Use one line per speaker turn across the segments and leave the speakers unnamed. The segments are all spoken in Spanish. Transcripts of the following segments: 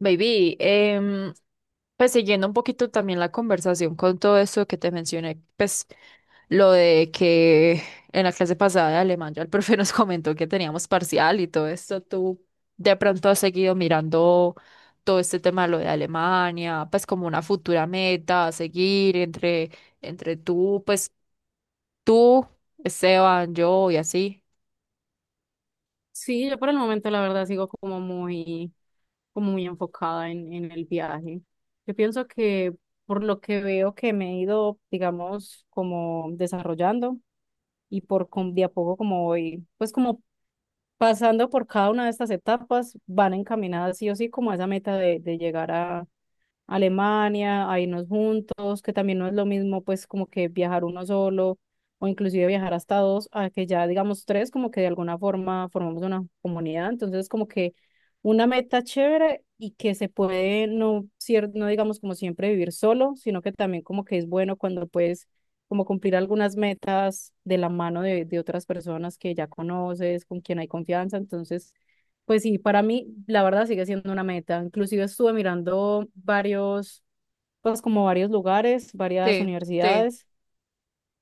Baby, pues siguiendo un poquito también la conversación con todo esto que te mencioné, pues lo de que en la clase pasada de alemán ya el profe nos comentó que teníamos parcial y todo esto, tú de pronto has seguido mirando todo este tema de lo de Alemania, pues como una futura meta a seguir entre tú, Esteban, yo y así.
Sí, yo por el momento la verdad sigo como muy enfocada en el viaje. Yo pienso que por lo que veo que me he ido, digamos, como desarrollando y de a poco como voy, pues como pasando por cada una de estas etapas, van encaminadas sí o sí como a esa meta de llegar a Alemania, a irnos juntos, que también no es lo mismo pues como que viajar uno solo o inclusive viajar hasta dos, a que ya digamos tres, como que de alguna forma formamos una comunidad. Entonces como que una meta chévere y que se puede no, no digamos como siempre vivir solo, sino que también como que es bueno cuando puedes como cumplir algunas metas de la mano de otras personas que ya conoces, con quien hay confianza. Entonces, pues sí, para mí la verdad sigue siendo una meta. Inclusive estuve mirando varios, pues como varios lugares, varias
Sí, sí.
universidades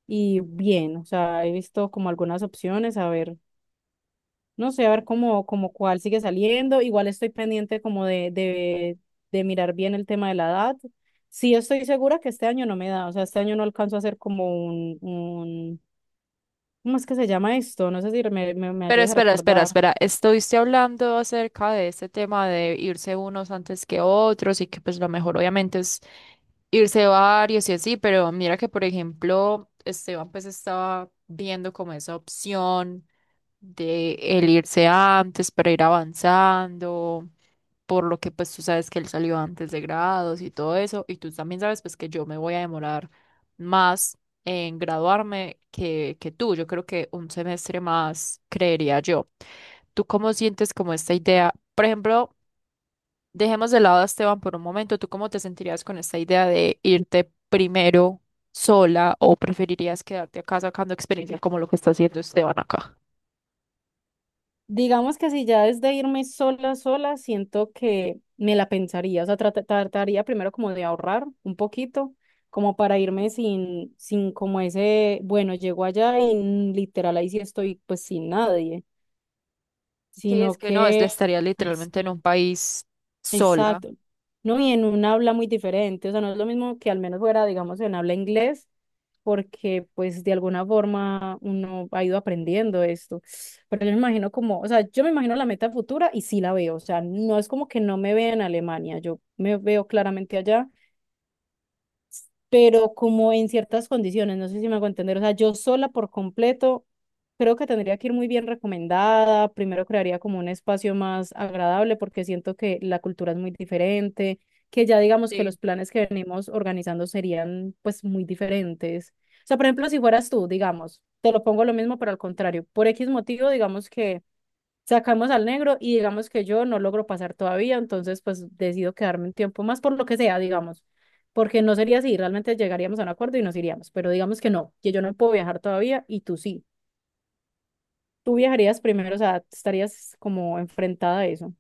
y bien, o sea, he visto como algunas opciones, a ver, no sé, a ver cómo, como cuál sigue saliendo. Igual estoy pendiente como de mirar bien el tema de la edad. Sí, estoy segura que este año no me da, o sea, este año no alcanzo a hacer como un, ¿cómo es que se llama esto? No sé si me
Pero
ayudas a
espera, espera,
recordar.
espera. Estuviste hablando acerca de este tema de irse unos antes que otros y que pues lo mejor obviamente es irse varios y así, pero mira que por ejemplo Esteban pues estaba viendo como esa opción de el irse antes para ir avanzando, por lo que pues tú sabes que él salió antes de grados y todo eso, y tú también sabes pues que yo me voy a demorar más en graduarme que tú. Yo creo que un semestre más, creería yo. ¿Tú cómo sientes como esta idea? Por ejemplo, dejemos de lado a Esteban por un momento. ¿Tú cómo te sentirías con esta idea de irte primero sola o preferirías quedarte acá sacando experiencia como lo que está haciendo Esteban acá?
Digamos que si ya desde irme sola, sola, siento que me la pensaría, o sea, trataría primero como de ahorrar un poquito, como para irme sin como ese, bueno, llego allá y literal ahí sí estoy pues sin nadie,
Sí, es
sino
que no,
que,
estaría literalmente en un país sola.
exacto. No, y en un habla muy diferente, o sea, no es lo mismo que al menos fuera, digamos, en habla inglés, porque pues de alguna forma uno ha ido aprendiendo esto. Pero yo me imagino como, o sea, yo me imagino la meta futura y sí la veo, o sea, no es como que no me vea en Alemania, yo me veo claramente allá pero como en ciertas condiciones, no sé si me hago entender, o sea, yo sola por completo, creo que tendría que ir muy bien recomendada, primero crearía como un espacio más agradable porque siento que la cultura es muy diferente, que ya digamos que
Sí.
los planes que venimos organizando serían pues muy diferentes. O sea, por ejemplo, si fueras tú, digamos, te lo pongo lo mismo, pero al contrario, por X motivo, digamos que sacamos al negro y digamos que yo no logro pasar todavía, entonces pues decido quedarme un tiempo más por lo que sea, digamos, porque no sería así, realmente llegaríamos a un acuerdo y nos iríamos, pero digamos que no, que yo no puedo viajar todavía y tú sí. Tú viajarías primero, o sea, estarías como enfrentada a eso.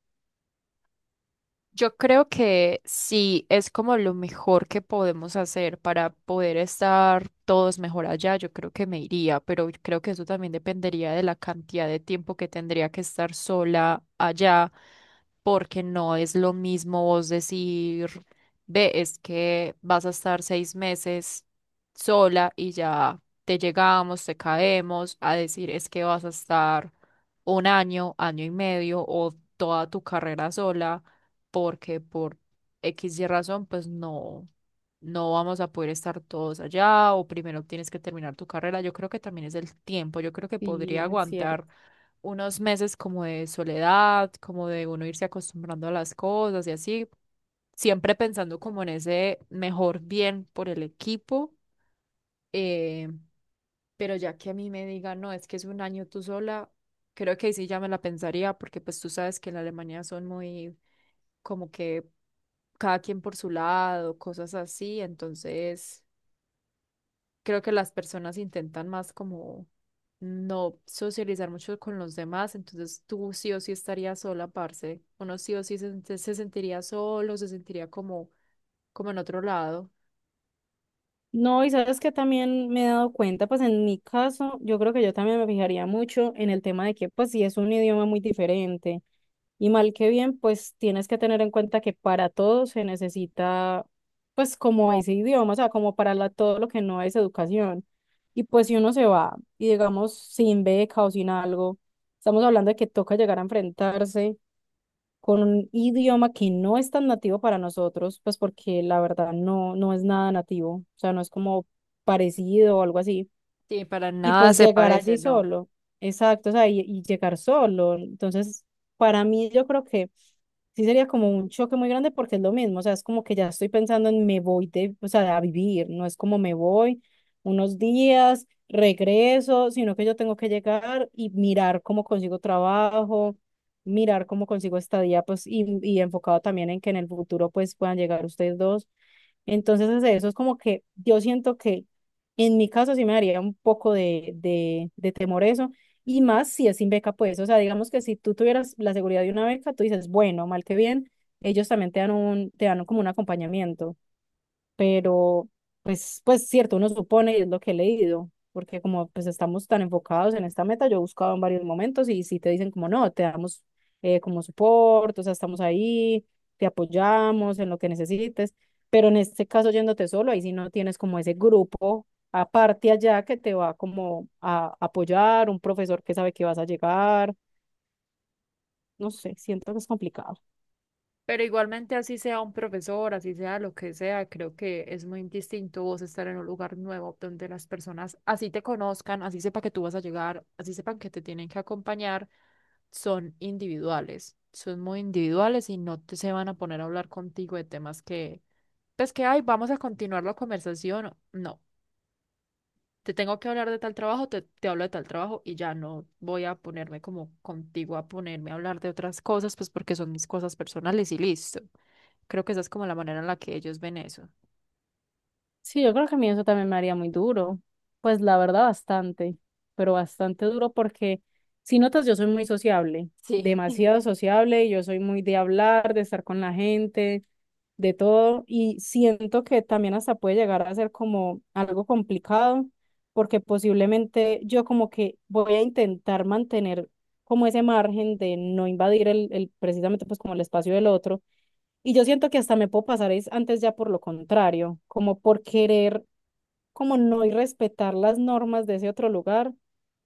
Yo creo que sí, es como lo mejor que podemos hacer para poder estar todos mejor allá. Yo creo que me iría, pero creo que eso también dependería de la cantidad de tiempo que tendría que estar sola allá, porque no es lo mismo vos decir, ve, es que vas a estar 6 meses sola y ya te llegamos, te caemos, a decir, es que vas a estar un año, año y medio o toda tu carrera sola porque por X y razón, pues no, no vamos a poder estar todos allá o primero tienes que terminar tu carrera. Yo creo que también es el tiempo. Yo creo que
Sí,
podría
es cierto.
aguantar unos meses como de soledad, como de uno irse acostumbrando a las cosas y así, siempre pensando como en ese mejor bien por el equipo. eh, pero ya que a mí me digan, no, es que es un año tú sola, creo que ahí sí ya me la pensaría, porque pues tú sabes que en Alemania son muy como que cada quien por su lado, cosas así, entonces creo que las personas intentan más como no socializar mucho con los demás, entonces tú sí o sí estarías sola, parce, uno sí o sí se, sentiría solo, se sentiría como en otro lado,
No, y sabes que también me he dado cuenta, pues en mi caso, yo creo que yo también me fijaría mucho en el tema de que, pues si es un idioma muy diferente y mal que bien, pues tienes que tener en cuenta que para todo se necesita, pues como ese idioma, o sea, como todo lo que no es educación. Y pues si uno se va y digamos sin beca o sin algo, estamos hablando de que toca llegar a enfrentarse con un idioma que no es tan nativo para nosotros, pues porque la verdad no, no es nada nativo, o sea, no es como parecido o algo así.
sí, para
Y
nada
pues
se
llegar allí
parece, ¿no?
solo, exacto, o sea, y llegar solo. Entonces, para mí yo creo que sí sería como un choque muy grande porque es lo mismo, o sea, es como que ya estoy pensando en me voy de, o sea, a vivir, no es como me voy unos días, regreso, sino que yo tengo que llegar y mirar cómo consigo trabajo, mirar cómo consigo estadía, pues, y enfocado también en que en el futuro pues puedan llegar ustedes dos. Entonces, eso es como que yo siento que en mi caso sí me daría un poco de temor eso, y más si es sin beca, pues, o sea, digamos que si tú tuvieras la seguridad de una beca, tú dices, bueno, mal que bien, ellos también te dan como un acompañamiento. Pero pues cierto, uno supone y es lo que he leído, porque como pues estamos tan enfocados en esta meta, yo he buscado en varios momentos y si te dicen como no, te damos como soporte, o sea, estamos ahí, te apoyamos en lo que necesites, pero en este caso yéndote solo, ahí sí no tienes como ese grupo aparte allá que te va como a apoyar, un profesor que sabe que vas a llegar, no sé, siento que es complicado.
Pero igualmente, así sea un profesor, así sea lo que sea, creo que es muy distinto vos estar en un lugar nuevo donde las personas así te conozcan, así sepa que tú vas a llegar, así sepan que te tienen que acompañar, son individuales, son muy individuales y no te, se van a poner a hablar contigo de temas que, pues que, ay, vamos a continuar la conversación. No, te tengo que hablar de tal trabajo, te hablo de tal trabajo y ya no voy a ponerme como contigo a ponerme a hablar de otras cosas, pues porque son mis cosas personales y listo. Creo que esa es como la manera en la que ellos ven eso.
Sí, yo creo que a mí eso también me haría muy duro. Pues la verdad, bastante, pero bastante duro porque si notas, yo soy muy sociable,
Sí.
demasiado sociable, yo soy muy de hablar, de estar con la gente, de todo, y siento que también hasta puede llegar a ser como algo complicado porque posiblemente yo como que voy a intentar mantener como ese margen de no invadir el precisamente pues como el espacio del otro y yo siento que hasta me puedo pasar es antes ya por lo contrario, como por querer, como no ir respetar las normas de ese otro lugar,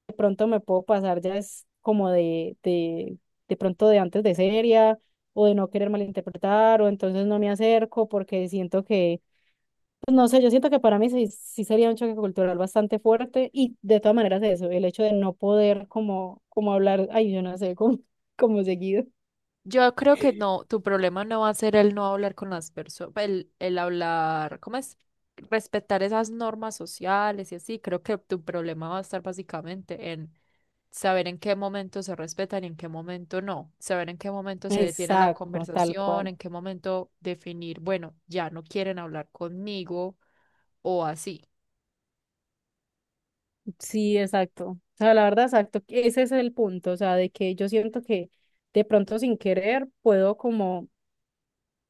de pronto me puedo pasar ya es como de pronto de antes de seria o de no querer malinterpretar o entonces no me acerco porque siento que, pues no sé, yo siento que para mí sí, sí sería un choque cultural bastante fuerte y de todas maneras eso, el hecho de no poder como hablar, ay, yo no sé, como seguido.
Yo creo que no, tu problema no va a ser el no hablar con las personas, el, hablar, ¿cómo es? Respetar esas normas sociales y así. Creo que tu problema va a estar básicamente en saber en qué momento se respetan y en qué momento no, saber en qué momento se detiene la
Exacto, tal
conversación,
cual.
en qué momento definir, bueno, ya no quieren hablar conmigo o así.
Sí, exacto. O sea, la verdad, exacto. Ese es el punto. O sea, de que yo siento que de pronto sin querer puedo como,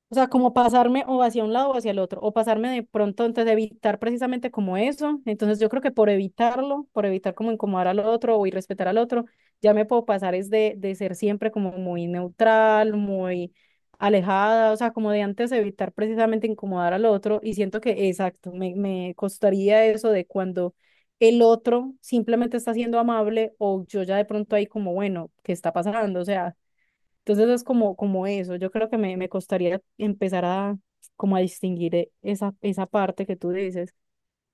o sea, como pasarme o hacia un lado o hacia el otro, o pasarme de pronto, entonces evitar precisamente como eso. Entonces yo creo que por evitarlo, por evitar como incomodar al otro o irrespetar al otro, ya me puedo pasar es de ser siempre como muy neutral, muy alejada, o sea, como de antes evitar precisamente incomodar al otro. Y siento que, exacto, me costaría eso de cuando el otro simplemente está siendo amable o yo ya de pronto ahí como, bueno, ¿qué está pasando? O sea, entonces es como eso, yo creo que me costaría empezar a como a distinguir esa parte que tú dices.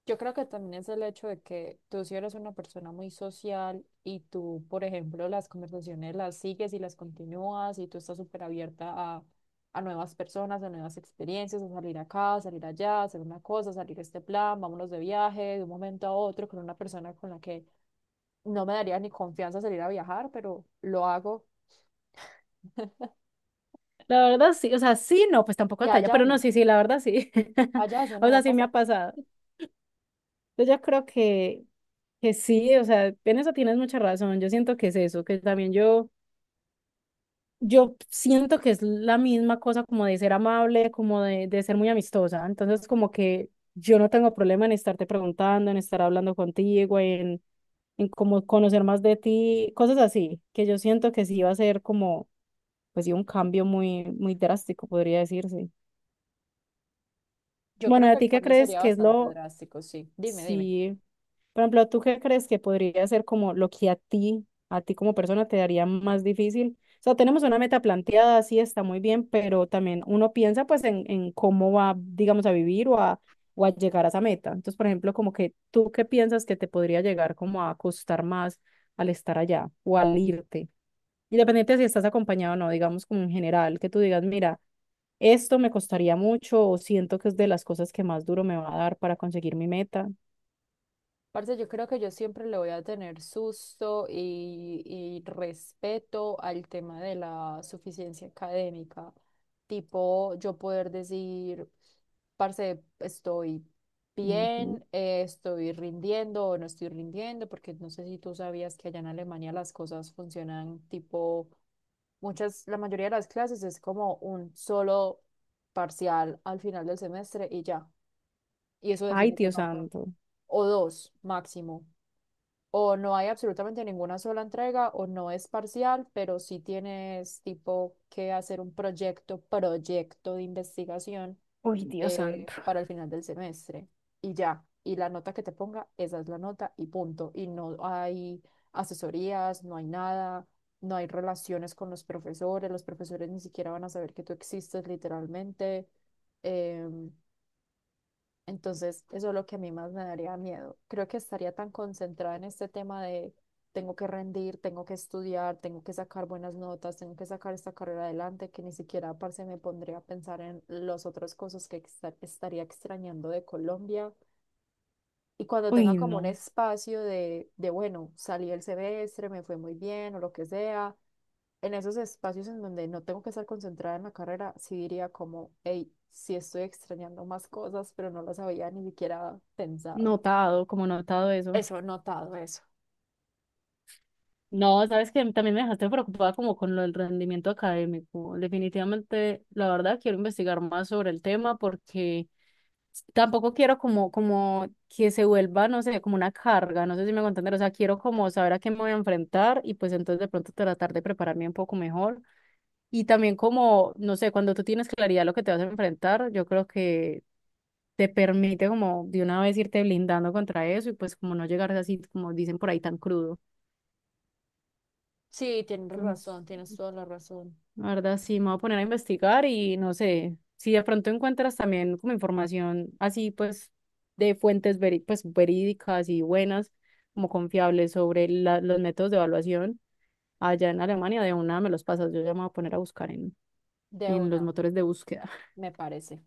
Yo creo que también es el hecho de que tú si eres una persona muy social y tú, por ejemplo, las conversaciones las sigues y las continúas y tú estás súper abierta a nuevas personas, a nuevas experiencias, a salir acá, a salir allá, a hacer una cosa, a salir a este plan, vámonos de viaje de un momento a otro con una persona con la que no me daría ni confianza salir a viajar, pero lo hago
La verdad sí, o sea, sí, no, pues tampoco
y
hasta allá,
allá
pero no,
no,
sí, sí, la verdad sí.
allá eso
O
no va a
sea, sí me
pasar.
ha pasado. Entonces yo creo que sí, o sea, en eso tienes mucha razón, yo siento que es eso, que también yo siento que es la misma cosa como de ser amable, como de ser muy amistosa, entonces como que yo no tengo problema en estarte preguntando, en estar hablando contigo, en como conocer más de ti, cosas así, que yo siento que sí va a ser como, pues sí, un cambio muy, muy drástico, podría decirse.
Yo
Bueno,
creo que
¿a
el
ti qué
cambio
crees
sería
que es
bastante
lo,
drástico, sí. Dime, dime.
sí, por ejemplo, tú qué crees que podría ser como lo que a ti como persona te daría más difícil? O sea, tenemos una meta planteada, sí está muy bien, pero también uno piensa pues en cómo va, digamos, a vivir o a llegar a esa meta. Entonces, por ejemplo, como que tú qué piensas que te podría llegar como a costar más al estar allá o al irte. Independiente de si estás acompañado o no, digamos como en general, que tú digas, mira, esto me costaría mucho o siento que es de las cosas que más duro me va a dar para conseguir mi meta.
Parce, yo creo que yo siempre le voy a tener susto y respeto al tema de la suficiencia académica. Tipo, yo poder decir, parce, estoy
Ujú.
bien, estoy rindiendo o no estoy rindiendo, porque no sé si tú sabías que allá en Alemania las cosas funcionan tipo, muchas, la mayoría de las clases es como un solo parcial al final del semestre y ya. Y eso
Ay,
define tu
Dios
nota.
santo.
O dos máximo o no hay absolutamente ninguna sola entrega o no es parcial, pero sí tienes tipo que hacer un proyecto de investigación
Uy, Dios santo.
para el final del semestre y ya. Y la nota que te ponga, esa es la nota y punto. Y no hay asesorías, no hay nada, no hay relaciones con los profesores ni siquiera van a saber que tú existes literalmente. Em, entonces, eso es lo que a mí más me daría miedo. Creo que estaría tan concentrada en este tema de tengo que rendir, tengo que estudiar, tengo que sacar buenas notas, tengo que sacar esta carrera adelante, que ni siquiera, parce, me pondría a pensar en las otras cosas que estaría extrañando de Colombia y cuando tenga
Uy,
como un
no.
espacio de, bueno, salí el semestre, me fue muy bien o lo que sea, en esos espacios en donde no tengo que estar concentrada en la carrera, sí diría como, hey, sí estoy extrañando más cosas, pero no las había ni siquiera pensado.
Notado, como notado eso.
Eso, notado eso.
No, sabes que también me dejaste preocupada como con lo del rendimiento académico. Definitivamente, la verdad, quiero investigar más sobre el tema porque tampoco quiero como que se vuelva, no sé, como una carga, no sé si me voy a entender, o sea, quiero como saber a qué me voy a enfrentar y pues entonces de pronto tratar de prepararme un poco mejor. Y también como, no sé, cuando tú tienes claridad de lo que te vas a enfrentar, yo creo que te permite como de una vez irte blindando contra eso y pues como no llegar así, como dicen por ahí, tan crudo.
Sí, tienes
Entonces,
razón, tienes toda la razón.
la verdad, sí, me voy a poner a investigar y no sé, si de pronto encuentras también como información así, pues, de fuentes pues, verídicas y buenas, como confiables sobre los métodos de evaluación allá en Alemania, de una me los pasas, yo ya me voy a poner a buscar en,
De
en los
una,
motores de búsqueda.
me parece.